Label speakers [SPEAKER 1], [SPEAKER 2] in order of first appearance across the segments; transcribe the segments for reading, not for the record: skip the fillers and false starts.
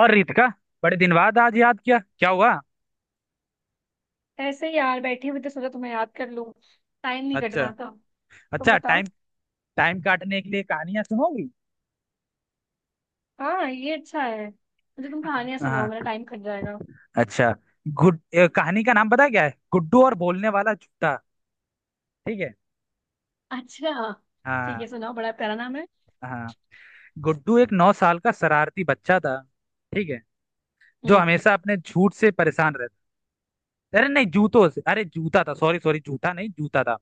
[SPEAKER 1] और रितिका, बड़े दिन बाद आज याद किया, क्या हुआ।
[SPEAKER 2] ऐसे ही यार बैठी हुई तो सोचा तुम्हें याद कर लूं। टाइम नहीं कट
[SPEAKER 1] अच्छा।
[SPEAKER 2] रहा था। तुम
[SPEAKER 1] अच्छा टाइम।
[SPEAKER 2] बताओ।
[SPEAKER 1] टाइम काटने के लिए कहानियां सुनोगी।
[SPEAKER 2] हाँ ये अच्छा है, मुझे तुम कहानियां सुनाओ, मेरा
[SPEAKER 1] हाँ।
[SPEAKER 2] टाइम कट जाएगा।
[SPEAKER 1] अच्छा, गुड ए, कहानी का नाम पता है क्या है, गुड्डू और बोलने वाला जूता। ठीक है।
[SPEAKER 2] अच्छा। ठीक
[SPEAKER 1] हाँ।
[SPEAKER 2] है सुनाओ, बड़ा प्यारा नाम है।
[SPEAKER 1] हाँ, गुड्डू एक 9 साल का शरारती बच्चा था। ठीक है। जो
[SPEAKER 2] हम्म।
[SPEAKER 1] हमेशा अपने झूठ से परेशान रहता। अरे नहीं, जूतों से, अरे जूता था। सॉरी सॉरी, जूता नहीं, जूता था।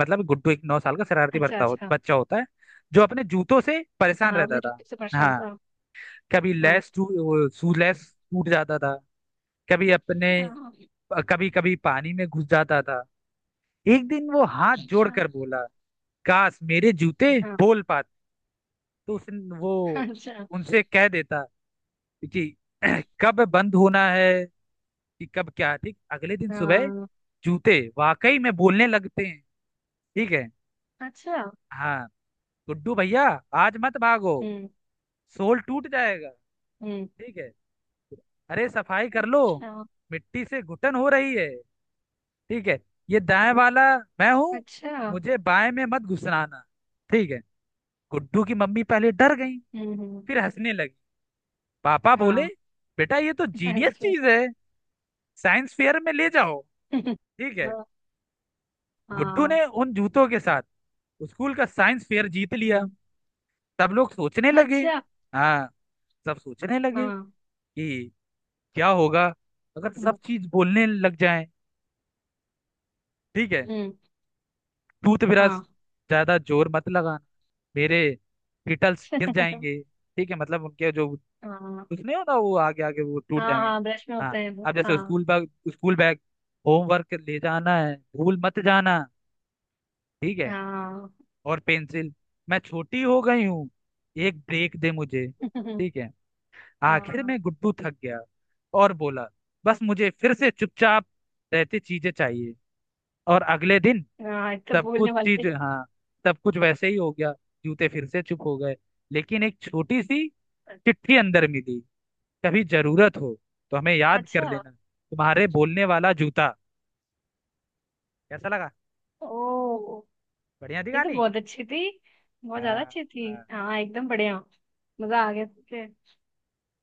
[SPEAKER 1] मतलब गुड्डू एक नौ साल का शरारती
[SPEAKER 2] अच्छा अच्छा।
[SPEAKER 1] बच्चा होता है, जो अपने जूतों से परेशान
[SPEAKER 2] हाँ
[SPEAKER 1] रहता
[SPEAKER 2] मैं
[SPEAKER 1] था।
[SPEAKER 2] जूते से परेशान
[SPEAKER 1] हाँ।
[SPEAKER 2] था।
[SPEAKER 1] कभी
[SPEAKER 2] हाँ।
[SPEAKER 1] लैस टू, सू लैस टूट जाता था। कभी अपने,
[SPEAKER 2] हाँ।
[SPEAKER 1] कभी कभी पानी में घुस जाता था। एक दिन वो हाथ
[SPEAKER 2] अच्छा।
[SPEAKER 1] जोड़कर बोला, काश मेरे जूते
[SPEAKER 2] हाँ।
[SPEAKER 1] बोल पाते, तो उस वो
[SPEAKER 2] अच्छा।
[SPEAKER 1] उनसे कह देता कि कब बंद होना है। कि कब क्या ठीक। अगले दिन सुबह
[SPEAKER 2] हाँ।
[SPEAKER 1] जूते वाकई में बोलने लगते हैं। ठीक है।
[SPEAKER 2] अच्छा।
[SPEAKER 1] हाँ। गुड्डू भैया, आज मत भागो,
[SPEAKER 2] हम्म।
[SPEAKER 1] सोल टूट जाएगा।
[SPEAKER 2] हम्म।
[SPEAKER 1] ठीक है। अरे सफाई कर लो,
[SPEAKER 2] अच्छा
[SPEAKER 1] मिट्टी से घुटन हो रही है। ठीक है। ये दाएं वाला मैं हूं,
[SPEAKER 2] अच्छा।
[SPEAKER 1] मुझे बाएं में मत घुसराना। ठीक है। गुड्डू की मम्मी पहले डर गई,
[SPEAKER 2] हम्म।
[SPEAKER 1] फिर हंसने लगी। पापा बोले,
[SPEAKER 2] हाँ।
[SPEAKER 1] बेटा ये तो जीनियस
[SPEAKER 2] अच्छा।
[SPEAKER 1] चीज है, साइंस फेयर में ले जाओ। ठीक है।
[SPEAKER 2] हाँ।
[SPEAKER 1] गुड्डू
[SPEAKER 2] हाँ।
[SPEAKER 1] ने उन जूतों के साथ स्कूल का साइंस फेयर जीत लिया।
[SPEAKER 2] हम्म,
[SPEAKER 1] सब लोग सोचने लगे।
[SPEAKER 2] अच्छा।
[SPEAKER 1] हाँ। सब सोचने लगे
[SPEAKER 2] हाँ।
[SPEAKER 1] कि क्या होगा अगर
[SPEAKER 2] हम्म।
[SPEAKER 1] सब चीज बोलने लग जाए। ठीक है।
[SPEAKER 2] हम्म,
[SPEAKER 1] टूथब्रश,
[SPEAKER 2] हाँ।
[SPEAKER 1] ज्यादा जोर मत लगाना, मेरे गिटल्स गिर जाएंगे। ठीक है, मतलब उनके जो,
[SPEAKER 2] हाँ।
[SPEAKER 1] कुछ नहीं होता, वो आगे आगे वो टूट
[SPEAKER 2] हाँ
[SPEAKER 1] जाएंगे।
[SPEAKER 2] हाँ ब्रश में
[SPEAKER 1] हाँ।
[SPEAKER 2] होते हैं वो,
[SPEAKER 1] अब जैसे
[SPEAKER 2] हाँ।
[SPEAKER 1] School bag, school bag, homework ले जाना है, भूल मत जाना। ठीक है।
[SPEAKER 2] हाँ।
[SPEAKER 1] और पेंसिल, मैं छोटी हो गई हूँ, एक ब्रेक दे मुझे। ठीक है। आखिर
[SPEAKER 2] हाँ।
[SPEAKER 1] में गुड्डू थक गया और बोला, बस मुझे फिर से चुपचाप रहते चीजें चाहिए। और अगले दिन
[SPEAKER 2] हाँ, ये तो
[SPEAKER 1] सब
[SPEAKER 2] भूलने
[SPEAKER 1] कुछ
[SPEAKER 2] वाले थे।
[SPEAKER 1] चीज, हाँ, सब कुछ वैसे ही हो गया। जूते फिर से चुप हो गए, लेकिन एक छोटी सी चिट्ठी अंदर मिली, कभी जरूरत हो तो हमें याद
[SPEAKER 2] अच्छा।
[SPEAKER 1] कर लेना, तुम्हारे बोलने वाला जूता। कैसा लगा।
[SPEAKER 2] ओ।
[SPEAKER 1] बढ़िया
[SPEAKER 2] ये
[SPEAKER 1] दिखा
[SPEAKER 2] तो
[SPEAKER 1] नहीं।
[SPEAKER 2] बहुत अच्छी थी। बहुत ज्यादा
[SPEAKER 1] हाँ
[SPEAKER 2] अच्छी थी,
[SPEAKER 1] हाँ।
[SPEAKER 2] हाँ एकदम बढ़िया। मजा आ गया सुन के।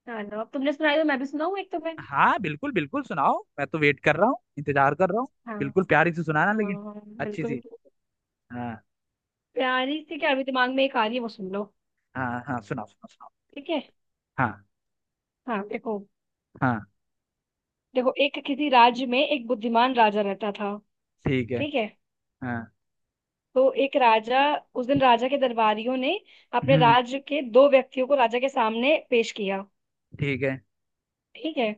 [SPEAKER 2] चलो अब तुमने सुनाई तो मैं भी सुनाऊँ एक तुम्हें।
[SPEAKER 1] हाँ, बिल्कुल बिल्कुल, सुनाओ। मैं तो वेट कर रहा हूँ, इंतजार कर रहा हूँ।
[SPEAKER 2] हाँ।
[SPEAKER 1] बिल्कुल प्यारी से सुनाना,
[SPEAKER 2] हाँ।
[SPEAKER 1] लेकिन अच्छी सी।
[SPEAKER 2] बिल्कुल।
[SPEAKER 1] हाँ
[SPEAKER 2] प्यारी सी क्या, अभी दिमाग में एक आ रही है, वो सुन लो।
[SPEAKER 1] हाँ। हाँ, सुनाओ सुनाओ सुनाओ।
[SPEAKER 2] ठीक है।
[SPEAKER 1] हाँ।
[SPEAKER 2] हाँ देखो।
[SPEAKER 1] हाँ।
[SPEAKER 2] देखो, एक किसी राज्य में एक बुद्धिमान राजा रहता था।
[SPEAKER 1] ठीक है।
[SPEAKER 2] ठीक है।
[SPEAKER 1] हाँ।
[SPEAKER 2] तो एक राजा, उस दिन राजा के दरबारियों ने अपने
[SPEAKER 1] हम्म।
[SPEAKER 2] राज्य के दो व्यक्तियों को राजा के सामने पेश किया।
[SPEAKER 1] ठीक है।
[SPEAKER 2] ठीक है।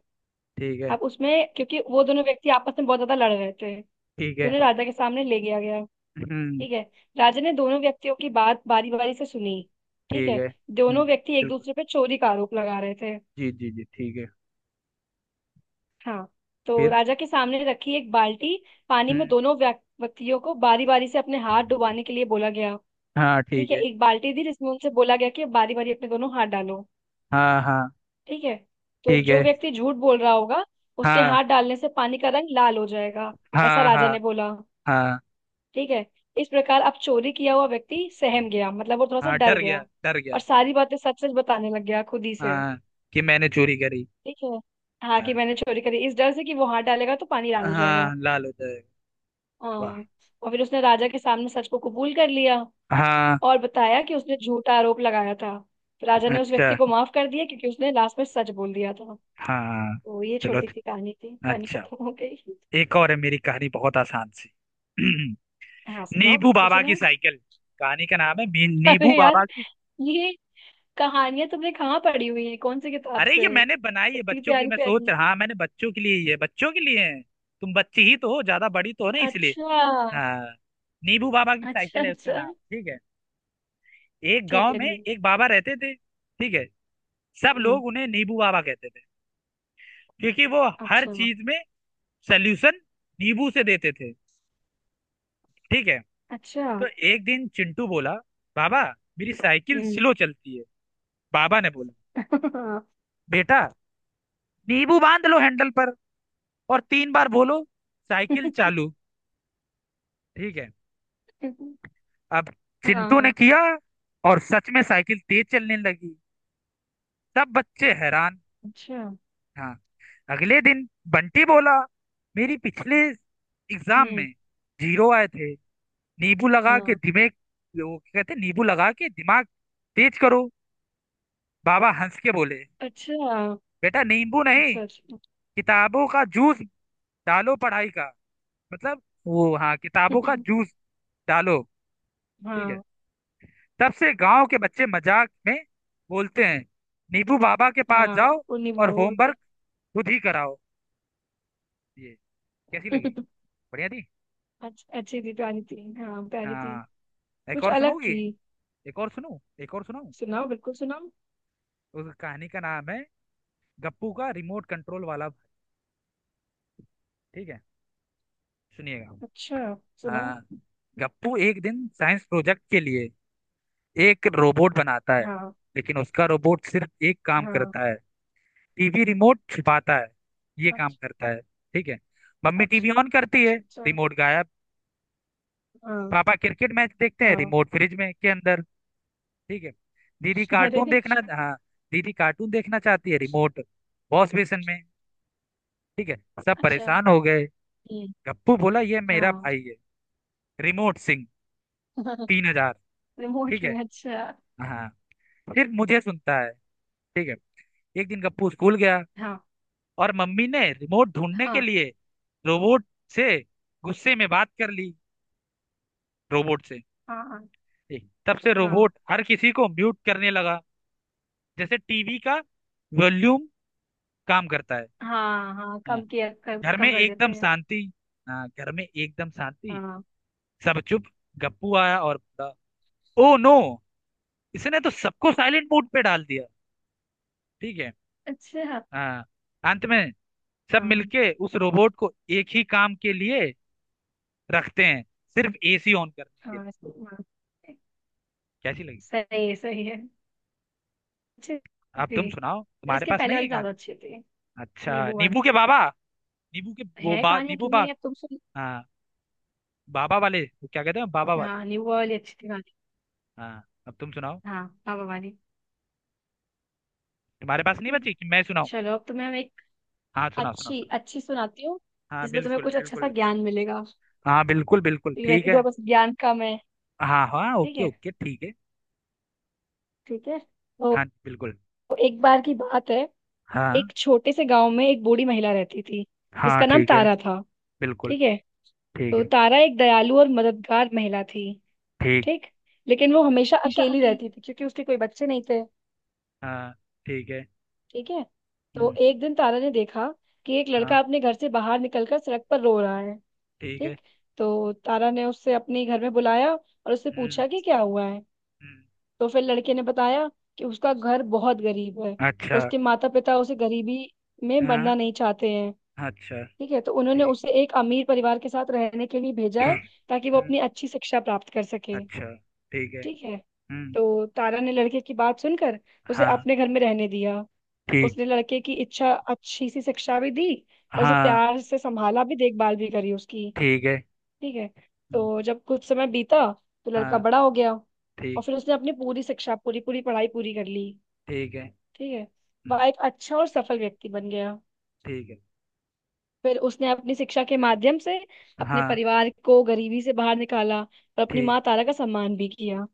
[SPEAKER 1] ठीक है।
[SPEAKER 2] अब उसमें, क्योंकि वो दोनों व्यक्ति आपस में बहुत ज्यादा लड़ रहे थे
[SPEAKER 1] ठीक
[SPEAKER 2] तो
[SPEAKER 1] है।
[SPEAKER 2] उन्हें राजा के सामने ले गया गया।
[SPEAKER 1] हम्म।
[SPEAKER 2] ठीक है। राजा ने दोनों व्यक्तियों की बात बारी बारी से सुनी। ठीक
[SPEAKER 1] ठीक
[SPEAKER 2] है।
[SPEAKER 1] है।
[SPEAKER 2] दोनों व्यक्ति एक
[SPEAKER 1] बिल्कुल।
[SPEAKER 2] दूसरे पे चोरी का आरोप लगा रहे थे।
[SPEAKER 1] जी जी जी, ठीक है।
[SPEAKER 2] हाँ। तो
[SPEAKER 1] फिर।
[SPEAKER 2] राजा के सामने रखी एक बाल्टी पानी में
[SPEAKER 1] हम्म,
[SPEAKER 2] दोनों व्यक्तियों को बारी बारी से अपने हाथ डुबाने के लिए बोला गया।
[SPEAKER 1] हाँ
[SPEAKER 2] ठीक
[SPEAKER 1] ठीक
[SPEAKER 2] है,
[SPEAKER 1] है।
[SPEAKER 2] एक बाल्टी दी जिसमें उनसे बोला गया कि बारी बारी अपने दोनों हाथ डालो।
[SPEAKER 1] हाँ हाँ।
[SPEAKER 2] ठीक है। तो
[SPEAKER 1] ठीक
[SPEAKER 2] जो
[SPEAKER 1] है।
[SPEAKER 2] व्यक्ति झूठ बोल रहा होगा उसके
[SPEAKER 1] हाँ
[SPEAKER 2] हाथ डालने से पानी का रंग लाल हो जाएगा, ऐसा
[SPEAKER 1] हाँ।
[SPEAKER 2] राजा
[SPEAKER 1] हाँ
[SPEAKER 2] ने बोला।
[SPEAKER 1] हाँ।
[SPEAKER 2] ठीक है। इस प्रकार अब चोरी किया हुआ व्यक्ति सहम गया, मतलब वो थोड़ा सा
[SPEAKER 1] हाँ,
[SPEAKER 2] डर
[SPEAKER 1] डर गया
[SPEAKER 2] गया
[SPEAKER 1] डर गया।
[SPEAKER 2] और सारी बातें सच सच बताने लग गया खुद ही से।
[SPEAKER 1] हाँ, कि मैंने चोरी करी।
[SPEAKER 2] ठीक है। हाँ कि
[SPEAKER 1] हाँ
[SPEAKER 2] मैंने चोरी करी, इस डर से कि वो हाथ डालेगा तो पानी लाल हो जाएगा।
[SPEAKER 1] हाँ, लाल हो जाएगा।
[SPEAKER 2] हाँ।
[SPEAKER 1] वाह।
[SPEAKER 2] और फिर उसने राजा के सामने सच को कबूल कर लिया
[SPEAKER 1] हाँ।
[SPEAKER 2] और बताया कि उसने झूठा आरोप लगाया था। तो राजा ने उस
[SPEAKER 1] अच्छा।
[SPEAKER 2] व्यक्ति को माफ कर दिया क्योंकि उसने लास्ट में सच बोल दिया था।
[SPEAKER 1] हाँ।
[SPEAKER 2] तो ये
[SPEAKER 1] चलो।
[SPEAKER 2] छोटी सी कहानी थी, कहानी
[SPEAKER 1] अच्छा,
[SPEAKER 2] खत्म हो गई।
[SPEAKER 1] एक और है, मेरी कहानी बहुत आसान सी।
[SPEAKER 2] हाँ सुनाओ,
[SPEAKER 1] नीबू
[SPEAKER 2] बिल्कुल
[SPEAKER 1] बाबा की
[SPEAKER 2] सुनाओ।
[SPEAKER 1] साइकिल, कहानी का नाम है। नीबू
[SPEAKER 2] अरे यार,
[SPEAKER 1] बाबा।
[SPEAKER 2] ये कहानियां तुमने कहाँ पढ़ी हुई है, कौन सी किताब
[SPEAKER 1] अरे ये
[SPEAKER 2] से?
[SPEAKER 1] मैंने बनाई है,
[SPEAKER 2] इतनी
[SPEAKER 1] बच्चों के लिए।
[SPEAKER 2] प्यारी
[SPEAKER 1] मैं सोच
[SPEAKER 2] प्यारी।
[SPEAKER 1] रहा हाँ मैंने बच्चों के लिए ही है, बच्चों के लिए है। तुम बच्ची ही तो हो, ज्यादा बड़ी तो हो ना, इसलिए।
[SPEAKER 2] अच्छा।
[SPEAKER 1] हाँ। नीबू बाबा की
[SPEAKER 2] अच्छा
[SPEAKER 1] साइकिल है उसका
[SPEAKER 2] अच्छा।
[SPEAKER 1] नाम। ठीक है। एक
[SPEAKER 2] ठीक
[SPEAKER 1] गांव
[SPEAKER 2] है
[SPEAKER 1] में
[SPEAKER 2] ठीक।
[SPEAKER 1] एक बाबा रहते थे। ठीक है। सब
[SPEAKER 2] हम्म।
[SPEAKER 1] लोग उन्हें नीबू बाबा कहते थे, क्योंकि वो हर
[SPEAKER 2] अच्छा।
[SPEAKER 1] चीज में सल्यूशन नींबू से देते थे। ठीक है।
[SPEAKER 2] अच्छा।
[SPEAKER 1] तो एक दिन चिंटू बोला, बाबा मेरी साइकिल
[SPEAKER 2] हम्म।
[SPEAKER 1] स्लो चलती है। बाबा ने बोला, बेटा नींबू बांध लो हैंडल पर, और 3 बार बोलो साइकिल
[SPEAKER 2] हाँ।
[SPEAKER 1] चालू। ठीक है। अब चिंटू ने
[SPEAKER 2] हाँ,
[SPEAKER 1] किया, और सच में साइकिल तेज चलने लगी। सब बच्चे हैरान।
[SPEAKER 2] अच्छा।
[SPEAKER 1] हाँ। अगले दिन बंटी बोला, मेरी पिछले एग्जाम
[SPEAKER 2] हम्म।
[SPEAKER 1] में जीरो आए थे, नींबू लगा के
[SPEAKER 2] हाँ।
[SPEAKER 1] दिमाग, वो क्या कहते हैं, नींबू लगा के दिमाग तेज करो। बाबा हंस के बोले,
[SPEAKER 2] अच्छा
[SPEAKER 1] बेटा नींबू नहीं,
[SPEAKER 2] अच्छा। अच्छा।
[SPEAKER 1] किताबों का जूस डालो, पढ़ाई का मतलब, वो हाँ, किताबों का जूस डालो। ठीक है।
[SPEAKER 2] हाँ।
[SPEAKER 1] तब से गांव के बच्चे मजाक में बोलते हैं, नीबू बाबा के पास
[SPEAKER 2] हाँ
[SPEAKER 1] जाओ
[SPEAKER 2] उन्हीं
[SPEAKER 1] और
[SPEAKER 2] वो होते
[SPEAKER 1] होमवर्क खुद ही कराओ। ये कैसी
[SPEAKER 2] हैं।
[SPEAKER 1] लगी। बढ़िया थी।
[SPEAKER 2] अच्छा, अच्छी थी प्यारी थी, हाँ प्यारी थी।
[SPEAKER 1] हाँ, एक
[SPEAKER 2] कुछ
[SPEAKER 1] और
[SPEAKER 2] अलग
[SPEAKER 1] सुनोगी,
[SPEAKER 2] थी।
[SPEAKER 1] एक और सुनो, एक और सुनाऊं।
[SPEAKER 2] सुनाओ बिल्कुल सुनाओ।
[SPEAKER 1] उस कहानी का नाम है, गप्पू का रिमोट कंट्रोल वाला भाई। ठीक है। सुनिएगा।
[SPEAKER 2] अच्छा। सुनाओ।
[SPEAKER 1] हाँ। गप्पू एक दिन साइंस प्रोजेक्ट के लिए एक रोबोट बनाता है,
[SPEAKER 2] हाँ।
[SPEAKER 1] लेकिन उसका रोबोट सिर्फ एक काम
[SPEAKER 2] हाँ।
[SPEAKER 1] करता है, टीवी रिमोट छिपाता है, ये काम
[SPEAKER 2] अच्छा।
[SPEAKER 1] करता है। ठीक है। मम्मी टीवी
[SPEAKER 2] अच्छा
[SPEAKER 1] ऑन करती है,
[SPEAKER 2] अच्छा। अच्छा।
[SPEAKER 1] रिमोट गायब।
[SPEAKER 2] हाँ।
[SPEAKER 1] पापा क्रिकेट मैच देखते हैं,
[SPEAKER 2] हाँ।
[SPEAKER 1] रिमोट फ्रिज में के अंदर। ठीक है। दीदी
[SPEAKER 2] अरे।
[SPEAKER 1] कार्टून देखना, हाँ, दीदी कार्टून देखना चाहती है, रिमोट वॉश बेसिन में। ठीक है। सब
[SPEAKER 2] अच्छा।
[SPEAKER 1] परेशान हो गए।
[SPEAKER 2] हम्म,
[SPEAKER 1] गप्पू बोला, ये मेरा
[SPEAKER 2] हाँ।
[SPEAKER 1] भाई है, रिमोट सिंह, 3000। ठीक है।
[SPEAKER 2] रिमोटली अच्छा।
[SPEAKER 1] हाँ, फिर मुझे सुनता है। ठीक है। एक दिन गप्पू स्कूल गया,
[SPEAKER 2] हाँ।
[SPEAKER 1] और मम्मी ने रिमोट ढूंढने के
[SPEAKER 2] हाँ।
[SPEAKER 1] लिए रोबोट से गुस्से में बात कर ली, रोबोट से।
[SPEAKER 2] हाँ। हाँ।
[SPEAKER 1] ठीक। तब से
[SPEAKER 2] हाँ।
[SPEAKER 1] रोबोट हर किसी को म्यूट करने लगा, जैसे टीवी का वॉल्यूम काम करता है।
[SPEAKER 2] हाँ। हाँ
[SPEAKER 1] हाँ,
[SPEAKER 2] कम किया, कम
[SPEAKER 1] घर में
[SPEAKER 2] कम कर देते
[SPEAKER 1] एकदम
[SPEAKER 2] हैं।
[SPEAKER 1] शांति, हाँ घर में एकदम शांति।
[SPEAKER 2] हाँ।
[SPEAKER 1] सब चुप। गप्पू आया और बोला, ओ नो, इसने तो सबको साइलेंट मोड पे डाल दिया। ठीक है।
[SPEAKER 2] अच्छा हाँ।
[SPEAKER 1] हाँ। अंत में सब
[SPEAKER 2] हाँ।
[SPEAKER 1] मिलके उस रोबोट को एक ही काम के लिए रखते हैं, सिर्फ एसी ऑन करने के लिए।
[SPEAKER 2] हाँ,
[SPEAKER 1] कैसी लगी।
[SPEAKER 2] सही है सही है। अच्छी
[SPEAKER 1] अब
[SPEAKER 2] थी।
[SPEAKER 1] तुम सुनाओ,
[SPEAKER 2] पर
[SPEAKER 1] तुम्हारे
[SPEAKER 2] इसके
[SPEAKER 1] पास
[SPEAKER 2] पहले
[SPEAKER 1] नहीं है
[SPEAKER 2] वाली
[SPEAKER 1] गान।
[SPEAKER 2] ज्यादा अच्छी थी।
[SPEAKER 1] अच्छा,
[SPEAKER 2] नींबू वाली।
[SPEAKER 1] नींबू के बाबा।
[SPEAKER 2] है कहानियाँ,
[SPEAKER 1] नींबू
[SPEAKER 2] क्यों
[SPEAKER 1] बा।
[SPEAKER 2] नहीं है? तुम सुन।
[SPEAKER 1] हाँ, बाबा वाले, वो क्या कहते हैं बाबा वाले।
[SPEAKER 2] हाँ नींबू वाली अच्छी थी कहानी।
[SPEAKER 1] हाँ, अब तुम सुनाओ,
[SPEAKER 2] हाँ बाबा वाली।
[SPEAKER 1] तुम्हारे पास नहीं
[SPEAKER 2] ठीक।
[SPEAKER 1] बची कि मैं सुनाऊं।
[SPEAKER 2] चलो अब तुम्हें हम एक
[SPEAKER 1] हाँ सुना सुना।
[SPEAKER 2] अच्छी अच्छी सुनाती हूँ,
[SPEAKER 1] हाँ
[SPEAKER 2] जिसमें तुम्हें
[SPEAKER 1] बिल्कुल
[SPEAKER 2] कुछ अच्छा सा
[SPEAKER 1] बिल्कुल।
[SPEAKER 2] ज्ञान मिलेगा,
[SPEAKER 1] हाँ बिल्कुल बिल्कुल,
[SPEAKER 2] क्योंकि
[SPEAKER 1] ठीक
[SPEAKER 2] वैसे तो
[SPEAKER 1] है।
[SPEAKER 2] बस ज्ञान कम है।
[SPEAKER 1] हाँ हाँ,
[SPEAKER 2] ठीक
[SPEAKER 1] ओके
[SPEAKER 2] है।
[SPEAKER 1] ओके, ठीक है।
[SPEAKER 2] ठीक है तो
[SPEAKER 1] हाँ बिल्कुल।
[SPEAKER 2] तो एक बार की बात है,
[SPEAKER 1] हाँ।
[SPEAKER 2] एक छोटे से गांव में एक बूढ़ी महिला रहती थी
[SPEAKER 1] हाँ
[SPEAKER 2] जिसका नाम
[SPEAKER 1] ठीक है।
[SPEAKER 2] तारा था।
[SPEAKER 1] बिल्कुल।
[SPEAKER 2] ठीक है।
[SPEAKER 1] ठीक
[SPEAKER 2] तो
[SPEAKER 1] है।
[SPEAKER 2] तारा एक दयालु और मददगार महिला थी।
[SPEAKER 1] ठीक।
[SPEAKER 2] ठीक। लेकिन वो हमेशा
[SPEAKER 1] ईशा
[SPEAKER 2] अकेली
[SPEAKER 1] अकेले।
[SPEAKER 2] रहती थी क्योंकि उसके कोई बच्चे नहीं थे।
[SPEAKER 1] हाँ। ठीक है।
[SPEAKER 2] ठीक है। तो
[SPEAKER 1] हम्म।
[SPEAKER 2] एक दिन तारा ने देखा कि एक लड़का
[SPEAKER 1] हाँ।
[SPEAKER 2] अपने घर से बाहर निकलकर सड़क पर रो रहा है।
[SPEAKER 1] ठीक है।
[SPEAKER 2] ठीक। तो तारा ने उससे अपने घर में बुलाया और उससे
[SPEAKER 1] हम्म।
[SPEAKER 2] पूछा कि क्या हुआ है।
[SPEAKER 1] हम्म।
[SPEAKER 2] तो फिर लड़के ने बताया कि उसका घर बहुत गरीब है और
[SPEAKER 1] अच्छा।
[SPEAKER 2] उसके माता पिता उसे गरीबी में
[SPEAKER 1] हाँ।
[SPEAKER 2] मरना नहीं चाहते हैं।
[SPEAKER 1] अच्छा।
[SPEAKER 2] ठीक है। तो उन्होंने
[SPEAKER 1] ठीक।
[SPEAKER 2] उसे एक अमीर परिवार के साथ रहने के लिए भेजा है ताकि वो
[SPEAKER 1] हम्म।
[SPEAKER 2] अपनी अच्छी शिक्षा प्राप्त कर सके।
[SPEAKER 1] अच्छा। ठीक है।
[SPEAKER 2] ठीक है।
[SPEAKER 1] हम्म।
[SPEAKER 2] तो तारा ने लड़के की बात सुनकर उसे
[SPEAKER 1] हाँ।
[SPEAKER 2] अपने घर में रहने दिया।
[SPEAKER 1] ठीक।
[SPEAKER 2] उसने लड़के की इच्छा अच्छी सी शिक्षा भी दी और उसे
[SPEAKER 1] हाँ
[SPEAKER 2] प्यार से संभाला, भी देखभाल भी करी उसकी।
[SPEAKER 1] ठीक है।
[SPEAKER 2] ठीक है।
[SPEAKER 1] हम्म,
[SPEAKER 2] तो जब कुछ समय बीता तो लड़का
[SPEAKER 1] हाँ।
[SPEAKER 2] बड़ा हो गया और
[SPEAKER 1] ठीक।
[SPEAKER 2] फिर उसने अपनी पूरी शिक्षा पूरी पूरी पढ़ाई पूरी कर ली।
[SPEAKER 1] ठीक है।
[SPEAKER 2] ठीक है।
[SPEAKER 1] हम्म।
[SPEAKER 2] वह एक अच्छा और सफल व्यक्ति बन गया।
[SPEAKER 1] ठीक है।
[SPEAKER 2] फिर उसने अपनी शिक्षा के माध्यम से अपने
[SPEAKER 1] हाँ।
[SPEAKER 2] परिवार को गरीबी से बाहर निकाला और अपनी
[SPEAKER 1] ठीक।
[SPEAKER 2] माँ तारा का सम्मान भी किया।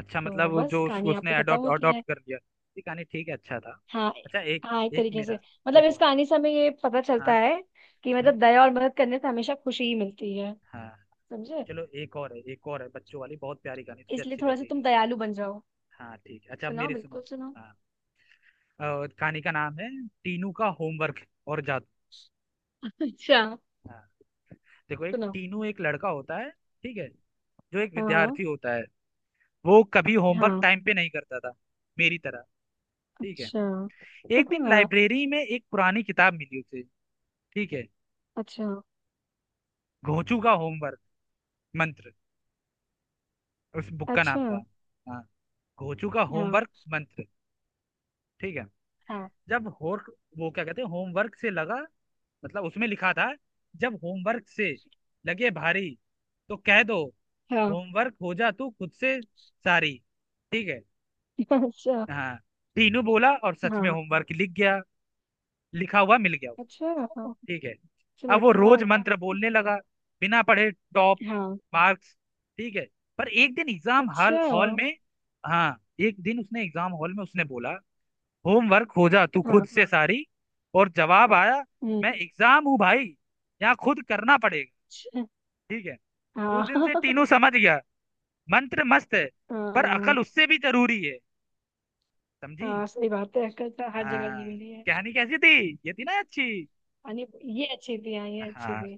[SPEAKER 1] अच्छा, मतलब
[SPEAKER 2] तो
[SPEAKER 1] वो
[SPEAKER 2] बस
[SPEAKER 1] जो
[SPEAKER 2] कहानी यहाँ
[SPEAKER 1] उसने
[SPEAKER 2] पे खत्म
[SPEAKER 1] अडॉप्ट
[SPEAKER 2] होती
[SPEAKER 1] अडॉप्ट
[SPEAKER 2] है।
[SPEAKER 1] कर लिया। ये कहानी ठीक है, अच्छा था।
[SPEAKER 2] हाँ।
[SPEAKER 1] अच्छा एक।
[SPEAKER 2] हाँ एक
[SPEAKER 1] एक
[SPEAKER 2] तरीके से।
[SPEAKER 1] मेरा,
[SPEAKER 2] मतलब
[SPEAKER 1] एक
[SPEAKER 2] इस
[SPEAKER 1] और।
[SPEAKER 2] कहानी से हमें ये पता
[SPEAKER 1] हाँ।
[SPEAKER 2] चलता है कि
[SPEAKER 1] हम्म,
[SPEAKER 2] मतलब दया और मदद करने से हमेशा खुशी ही मिलती है।
[SPEAKER 1] हाँ।
[SPEAKER 2] समझे?
[SPEAKER 1] चलो, एक और है, एक और है, बच्चों वाली बहुत प्यारी कहानी, तुझे
[SPEAKER 2] इसलिए
[SPEAKER 1] अच्छी
[SPEAKER 2] थोड़ा सा तुम
[SPEAKER 1] लगेगी।
[SPEAKER 2] दयालु बन जाओ।
[SPEAKER 1] हाँ ठीक है। अच्छा अब
[SPEAKER 2] सुनाओ
[SPEAKER 1] मेरी
[SPEAKER 2] बिल्कुल
[SPEAKER 1] सुनो।
[SPEAKER 2] सुनाओ।
[SPEAKER 1] हाँ। और कहानी का नाम है, टीनू का होमवर्क और जादू।
[SPEAKER 2] अच्छा।
[SPEAKER 1] हाँ, देखो, एक
[SPEAKER 2] सुनाओ।
[SPEAKER 1] टीनू एक लड़का होता है। ठीक है। जो एक
[SPEAKER 2] हाँ। हाँ।
[SPEAKER 1] विद्यार्थी होता है। वो कभी होमवर्क
[SPEAKER 2] हाँ।
[SPEAKER 1] टाइम पे नहीं करता था, मेरी तरह। ठीक है।
[SPEAKER 2] अच्छा।
[SPEAKER 1] एक दिन
[SPEAKER 2] हाँ।
[SPEAKER 1] लाइब्रेरी में एक पुरानी किताब मिली उसे। ठीक है।
[SPEAKER 2] अच्छा।
[SPEAKER 1] घोंचू का होमवर्क मंत्र, उस बुक का नाम
[SPEAKER 2] अच्छा।
[SPEAKER 1] था। हाँ, घोचू का
[SPEAKER 2] हाँ।
[SPEAKER 1] होमवर्क मंत्र। ठीक है।
[SPEAKER 2] हाँ।
[SPEAKER 1] जब होर वो क्या कहते हैं, होमवर्क से लगा, मतलब उसमें लिखा था, जब होमवर्क से लगे भारी, तो कह दो,
[SPEAKER 2] हाँ।
[SPEAKER 1] होमवर्क हो जा तू खुद से सारी। ठीक है।
[SPEAKER 2] अच्छा।
[SPEAKER 1] हाँ। टीनू बोला और सच में
[SPEAKER 2] हाँ।
[SPEAKER 1] होमवर्क लिख गया, लिखा हुआ मिल गया।
[SPEAKER 2] अच्छा। हाँ
[SPEAKER 1] ठीक है। अब वो रोज
[SPEAKER 2] चमत्कार।
[SPEAKER 1] मंत्र बोलने लगा, बिना पढ़े टॉप
[SPEAKER 2] हाँ।
[SPEAKER 1] मार्क्स। ठीक है। पर एक दिन एग्जाम हॉल
[SPEAKER 2] अच्छा।
[SPEAKER 1] हॉल में, हाँ, एक दिन उसने एग्जाम हॉल में उसने बोला, होमवर्क खोजा तू
[SPEAKER 2] हाँ।
[SPEAKER 1] खुद से सारी। और जवाब आया,
[SPEAKER 2] हम्म,
[SPEAKER 1] मैं एग्जाम हूँ भाई, यहाँ खुद करना पड़ेगा।
[SPEAKER 2] अच्छा।
[SPEAKER 1] ठीक है। उस
[SPEAKER 2] हाँ।
[SPEAKER 1] दिन से टीनू समझ गया, मंत्र मस्त है पर
[SPEAKER 2] हाँ।
[SPEAKER 1] अकल उससे भी जरूरी है। समझी।
[SPEAKER 2] हाँ सही बात है, अक्कल तो हर जगह
[SPEAKER 1] हाँ।
[SPEAKER 2] जरूरी है।
[SPEAKER 1] कहानी कैसी थी, ये थी ना अच्छी।
[SPEAKER 2] यानी ये अच्छी थी, हाँ ये अच्छी
[SPEAKER 1] हाँ।
[SPEAKER 2] थी।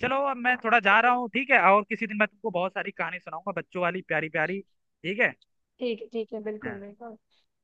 [SPEAKER 1] चलो अब मैं थोड़ा जा रहा हूँ, ठीक है, और किसी दिन मैं तुमको बहुत सारी कहानी सुनाऊंगा, बच्चों वाली प्यारी प्यारी। ठीक है।
[SPEAKER 2] ठीक है बिल्कुल
[SPEAKER 1] हाँ।
[SPEAKER 2] बिल्कुल।